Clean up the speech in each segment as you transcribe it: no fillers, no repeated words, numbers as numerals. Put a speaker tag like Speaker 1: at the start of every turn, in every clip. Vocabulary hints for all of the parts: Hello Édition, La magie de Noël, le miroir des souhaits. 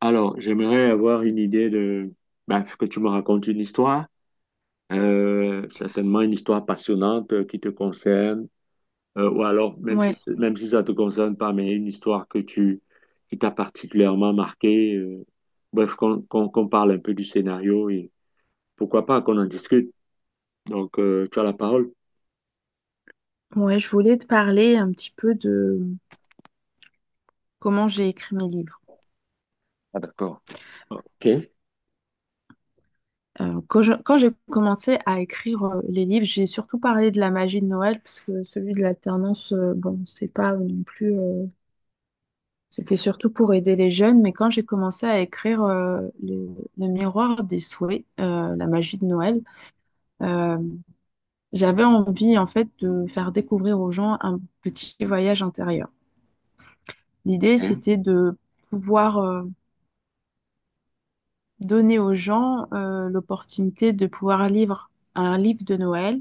Speaker 1: Alors, j'aimerais avoir une idée de... bah, que tu me racontes une histoire, certainement une histoire passionnante qui te concerne, ou alors,
Speaker 2: Ouais,
Speaker 1: même si ça te concerne pas, mais une histoire qui t'a particulièrement marqué. Bref, qu'on parle un peu du scénario et pourquoi pas qu'on en discute. Donc, tu as la parole.
Speaker 2: ouais, je voulais te parler un petit peu de comment j'ai écrit mes livres.
Speaker 1: Ah, d'accord. OK.
Speaker 2: Quand j'ai commencé à écrire les livres, j'ai surtout parlé de la magie de Noël, parce que celui de l'alternance, bon, c'est pas non plus. C'était surtout pour aider les jeunes, mais quand j'ai commencé à écrire le miroir des souhaits, la magie de Noël, euh, j'avais envie en fait de faire découvrir aux gens un petit voyage intérieur. L'idée,
Speaker 1: Ok,
Speaker 2: c'était de pouvoir donner aux gens l'opportunité de pouvoir lire un livre de Noël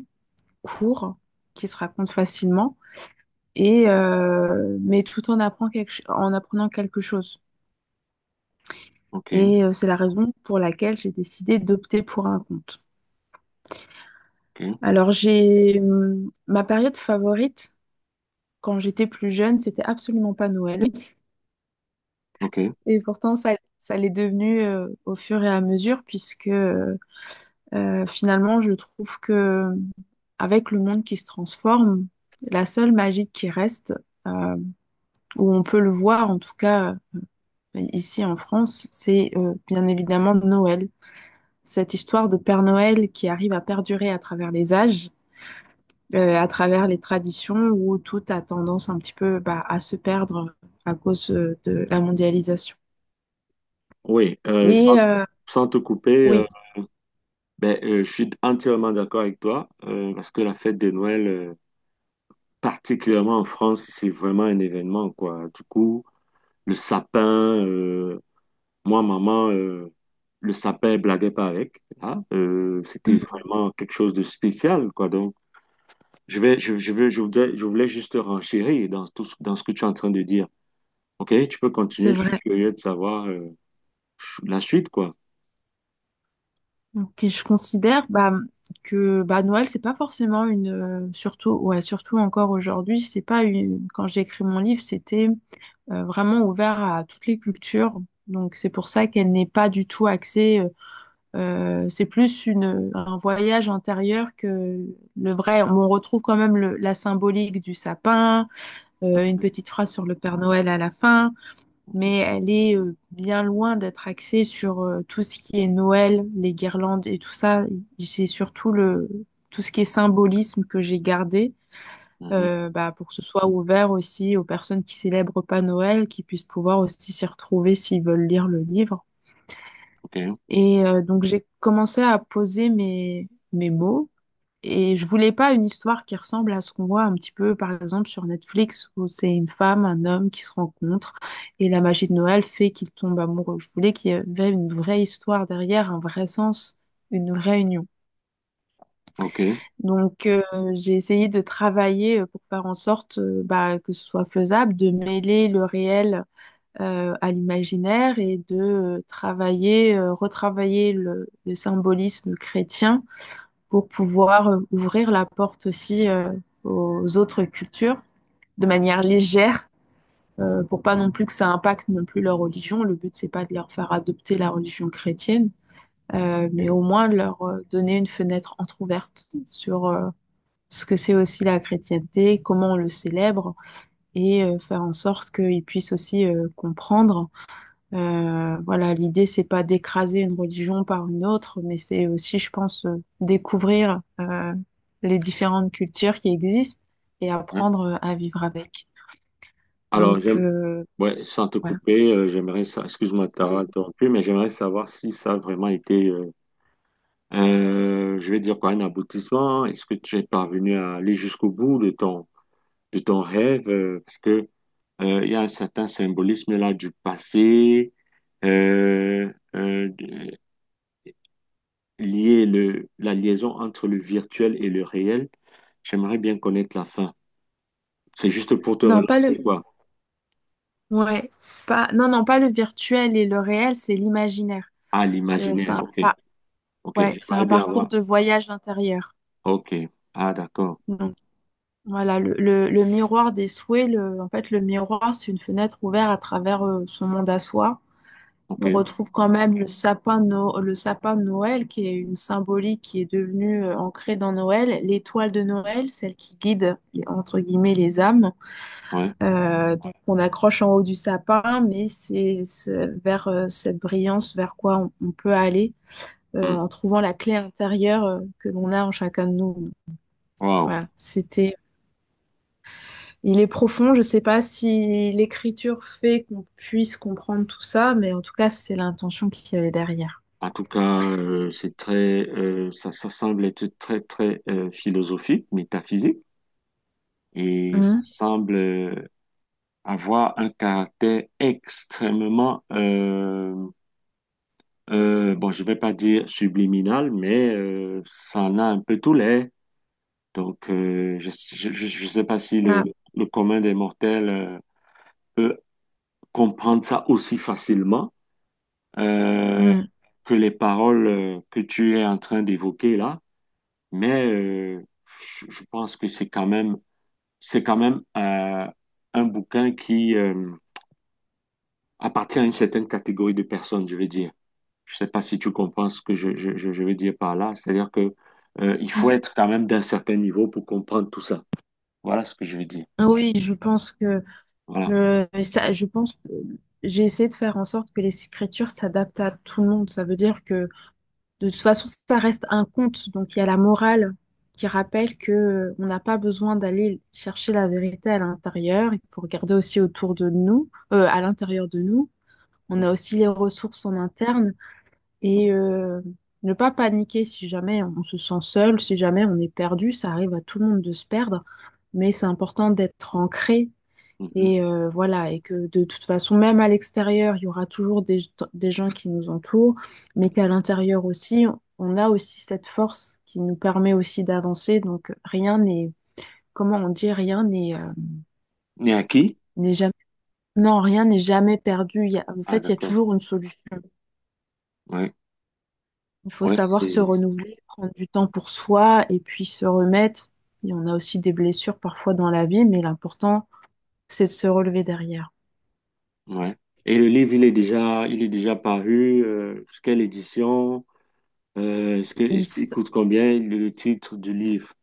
Speaker 2: court qui se raconte facilement et mais tout en apprend quelque ch- en apprenant quelque chose.
Speaker 1: ok,
Speaker 2: C'est la raison pour laquelle j'ai décidé d'opter pour un conte.
Speaker 1: ok,
Speaker 2: Alors j'ai Ma période favorite quand j'étais plus jeune, c'était absolument pas Noël,
Speaker 1: ok.
Speaker 2: et pourtant ça l'est devenu au fur et à mesure puisque Finalement, je trouve que avec le monde qui se transforme, la seule magie qui reste, euh, où on peut le voir, en tout cas ici en France, c'est bien évidemment Noël. Cette histoire de Père Noël qui arrive à perdurer à travers les âges, à travers les traditions, où tout a tendance un petit peu à se perdre à cause de la mondialisation.
Speaker 1: Oui,
Speaker 2: Et euh,
Speaker 1: sans te couper.
Speaker 2: oui.
Speaker 1: Ben, je suis entièrement d'accord avec toi, parce que la fête de Noël, particulièrement en France, c'est vraiment un événement, quoi. Du coup, le sapin, moi, maman, le sapin, elle blaguait pas avec, hein. C'était
Speaker 2: Mhm.
Speaker 1: vraiment quelque chose de spécial, quoi. Donc, je vais, je veux, je voudrais, je voulais juste renchérir dans dans ce que tu es en train de dire. OK, tu peux
Speaker 2: C'est
Speaker 1: continuer, je suis
Speaker 2: vrai.
Speaker 1: curieux de savoir, la suite, quoi.
Speaker 2: Ok, je considère que Noël, c'est pas forcément une. Surtout, ouais, surtout encore aujourd'hui, c'est pas une. Quand j'ai écrit mon livre, c'était vraiment ouvert à toutes les cultures. Donc, c'est pour ça qu'elle n'est pas du tout axée. C'est plus un voyage intérieur que le vrai. On retrouve quand même la symbolique du sapin, une petite phrase sur le Père Noël à la fin,
Speaker 1: Mhm,
Speaker 2: mais elle est bien loin d'être axée sur tout ce qui est Noël, les guirlandes et tout ça. C'est surtout le tout ce qui est symbolisme que j'ai gardé,
Speaker 1: mhm,
Speaker 2: pour que ce soit ouvert aussi aux personnes qui célèbrent pas Noël, qui puissent pouvoir aussi s'y retrouver s'ils veulent lire le livre.
Speaker 1: OK,
Speaker 2: Donc j'ai commencé à poser mes mots. Et je voulais pas une histoire qui ressemble à ce qu'on voit un petit peu, par exemple, sur Netflix, où c'est une femme, un homme qui se rencontrent et la magie de Noël fait qu'ils tombent amoureux. Je voulais qu'il y avait une vraie histoire derrière, un vrai sens, une vraie union.
Speaker 1: OK.
Speaker 2: Donc, euh, j'ai essayé de travailler pour faire en sorte, que ce soit faisable, de mêler le réel à l'imaginaire et de retravailler le symbolisme chrétien pour pouvoir ouvrir la porte aussi aux autres cultures de manière légère, pour pas non plus que ça impacte non plus leur religion. Le but, c'est pas de leur faire adopter la religion chrétienne, mais au moins de leur donner une fenêtre entrouverte sur ce que c'est aussi la chrétienté, comment on le célèbre, et faire en sorte qu'ils puissent aussi comprendre. Voilà, l'idée, c'est pas d'écraser une religion par une autre, mais c'est aussi, je pense, découvrir les différentes cultures qui existent et
Speaker 1: OK.
Speaker 2: apprendre à vivre avec.
Speaker 1: Alors,
Speaker 2: Donc,
Speaker 1: j'aime,
Speaker 2: euh,
Speaker 1: ouais, sans te
Speaker 2: voilà.
Speaker 1: couper, j'aimerais ça, excuse-moi de t'avoir
Speaker 2: Mm.
Speaker 1: interrompu, mais j'aimerais savoir si ça a vraiment été, je vais dire quoi, un aboutissement. Est-ce que tu es parvenu à aller jusqu'au bout de de ton rêve? Parce que, il y a un certain symbolisme là du passé, euh, euh, de- lié la liaison entre le virtuel et le réel. J'aimerais bien connaître la fin. C'est juste pour te
Speaker 2: Non, pas
Speaker 1: relancer,
Speaker 2: le,
Speaker 1: quoi.
Speaker 2: ouais, non, non, pas le virtuel et le réel, c'est l'imaginaire.
Speaker 1: Ah,
Speaker 2: C'est
Speaker 1: l'imaginaire,
Speaker 2: un,
Speaker 1: ok,
Speaker 2: pas,
Speaker 1: ok.
Speaker 2: Ouais, c'est un
Speaker 1: J'aimerais bien
Speaker 2: parcours
Speaker 1: avoir.
Speaker 2: de voyage intérieur.
Speaker 1: Ok. Ah, d'accord.
Speaker 2: Donc, le miroir des souhaits, en fait, le miroir, c'est une fenêtre ouverte à travers son monde à soi. On
Speaker 1: Ok.
Speaker 2: retrouve quand même le sapin, de No- le sapin de Noël, qui est une symbolique qui est devenue ancrée dans Noël, l'étoile de Noël, celle qui guide, entre guillemets, les âmes,
Speaker 1: Ouais.
Speaker 2: donc qu'on accroche en haut du sapin, mais c'est vers cette brillance vers quoi on peut aller
Speaker 1: Hmm.
Speaker 2: en trouvant la clé intérieure que l'on a en chacun de nous.
Speaker 1: Wow.
Speaker 2: Voilà, c'était. Il est profond, je ne sais pas si l'écriture fait qu'on puisse comprendre tout ça, mais en tout cas, c'est l'intention qu'il y avait derrière.
Speaker 1: En tout cas, c'est ça, ça semble être très, très philosophique, métaphysique, et ça
Speaker 2: Mhm.
Speaker 1: semble avoir un caractère extrêmement, bon, je vais pas dire subliminal, mais ça en a un peu tous les. Donc, je sais pas si
Speaker 2: Ah.
Speaker 1: le commun des mortels peut comprendre ça aussi facilement. Euh,
Speaker 2: Mm.
Speaker 1: que les paroles que tu es en train d'évoquer là, mais je pense que c'est quand même un bouquin qui appartient à une certaine catégorie de personnes, je veux dire. Je sais pas si tu comprends ce que je veux dire par là, c'est-à-dire que il faut
Speaker 2: Mm.
Speaker 1: être quand même d'un certain niveau pour comprendre tout ça. Voilà ce que je veux dire.
Speaker 2: Oui, je pense que
Speaker 1: Voilà.
Speaker 2: je pense que j'ai essayé de faire en sorte que les écritures s'adaptent à tout le monde. Ça veut dire que de toute façon, ça reste un conte. Donc il y a la morale qui rappelle que on n'a pas besoin d'aller chercher la vérité à l'intérieur. Il faut regarder aussi autour de nous, à l'intérieur de nous. On a aussi les ressources en interne. Et euh, Ne pas paniquer si jamais on se sent seul, si jamais on est perdu, ça arrive à tout le monde de se perdre, mais c'est important d'être ancré,
Speaker 1: Mhm.
Speaker 2: et voilà, et que de toute façon, même à l'extérieur, il y aura toujours des gens qui nous entourent, mais qu'à l'intérieur aussi, on a aussi cette force qui nous permet aussi d'avancer. Donc rien n'est, comment on dit,
Speaker 1: Né à qui?
Speaker 2: n'est jamais, non, rien n'est jamais perdu. En
Speaker 1: Ah,
Speaker 2: fait, il y a
Speaker 1: d'accord.
Speaker 2: toujours une solution.
Speaker 1: Oui.
Speaker 2: Il faut
Speaker 1: Ouais,
Speaker 2: savoir se
Speaker 1: c'est-
Speaker 2: renouveler, prendre du temps pour soi et puis se remettre. Et on a aussi des blessures parfois dans la vie, mais l'important, c'est de se relever derrière.
Speaker 1: ouais. Et le livre, il est déjà paru. Quelle édition?
Speaker 2: Il
Speaker 1: Est-ce qu'il
Speaker 2: s-
Speaker 1: coûte combien le titre du livre?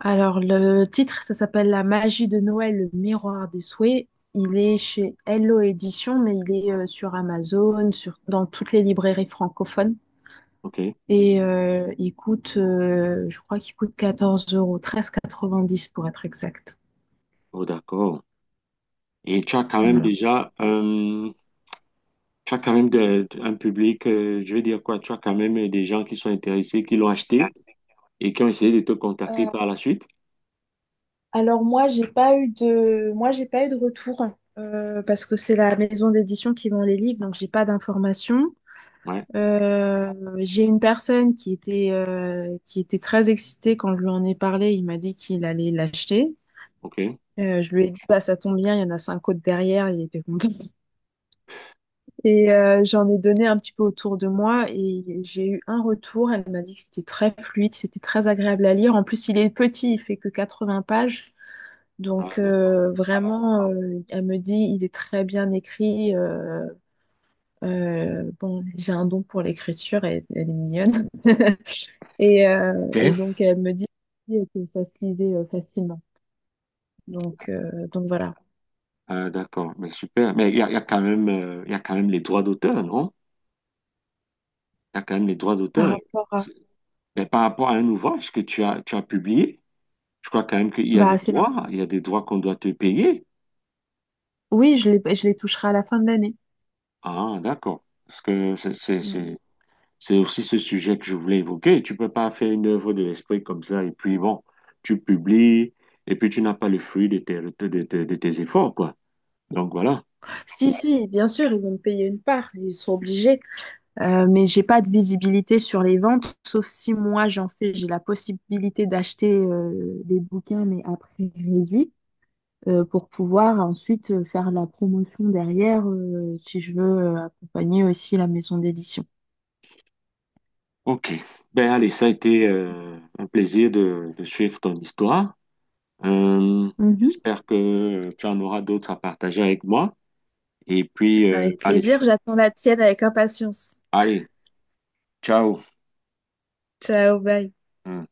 Speaker 2: Alors, le titre, ça s'appelle La magie de Noël, le miroir des souhaits. Il est chez Hello Édition, mais il est sur Amazon, sur... dans toutes les librairies francophones.
Speaker 1: Ok.
Speaker 2: Il coûte, je crois qu'il coûte 14 euros, 13,90 pour être exact.
Speaker 1: Oh, d'accord. Et tu as quand même
Speaker 2: Voilà.
Speaker 1: déjà, tu as quand même un public, je vais dire quoi, tu as quand même des gens qui sont intéressés, qui l'ont acheté et qui ont essayé de te contacter
Speaker 2: Euh,
Speaker 1: par la suite.
Speaker 2: Alors moi, j'ai pas eu de retour parce que c'est la maison d'édition qui vend les livres, donc j'ai pas d'informations.
Speaker 1: Ouais.
Speaker 2: Euh, j'ai une personne qui était très excitée quand je lui en ai parlé. Il m'a dit qu'il allait l'acheter.
Speaker 1: Ok.
Speaker 2: Je lui ai dit, bah, ça tombe bien, il y en a cinq autres derrière. Il était content. J'en ai donné un petit peu autour de moi et j'ai eu un retour. Elle m'a dit que c'était très fluide, c'était très agréable à lire. En plus, il est petit, il fait que 80 pages.
Speaker 1: Ah, d'accord.
Speaker 2: Elle me dit, il est très bien écrit. Bon, j'ai un don pour l'écriture, elle est mignonne. Et, euh,
Speaker 1: Ok.
Speaker 2: et donc, elle me dit que ça se lisait facilement. Donc voilà.
Speaker 1: Ah, d'accord. Mais super. Mais il y a quand même, il y a quand même les droits d'auteur, non? Il y a quand même les droits
Speaker 2: Par
Speaker 1: d'auteur.
Speaker 2: rapport à...
Speaker 1: C'est- mais par rapport à un ouvrage que tu as publié, je crois quand même qu'il y a des
Speaker 2: Bah, c'est...
Speaker 1: droits, il y a des droits qu'on doit te payer.
Speaker 2: Oui, je les toucherai à la fin de l'année.
Speaker 1: Ah, d'accord. Parce que
Speaker 2: Mm.
Speaker 1: c'est aussi ce sujet que je voulais évoquer. Tu peux pas faire une œuvre de l'esprit comme ça et puis bon, tu publies et puis tu n'as pas le fruit de tes efforts, quoi. Donc voilà.
Speaker 2: Si, si, bien sûr, ils vont me payer une part, ils sont obligés. Mais j'ai pas de visibilité sur les ventes, sauf si moi j'en fais, j'ai la possibilité d'acheter des bouquins, mais à prix réduit, pour pouvoir ensuite faire la promotion derrière, si je veux accompagner aussi la maison d'édition.
Speaker 1: OK. Ben allez, ça a été un plaisir de suivre ton histoire. Euh,
Speaker 2: Mhm.
Speaker 1: J'espère que tu en auras d'autres à partager avec moi. Et puis,
Speaker 2: Avec plaisir, j'attends la tienne avec impatience.
Speaker 1: allez, ciao.
Speaker 2: Ciao, bye.
Speaker 1: Hum.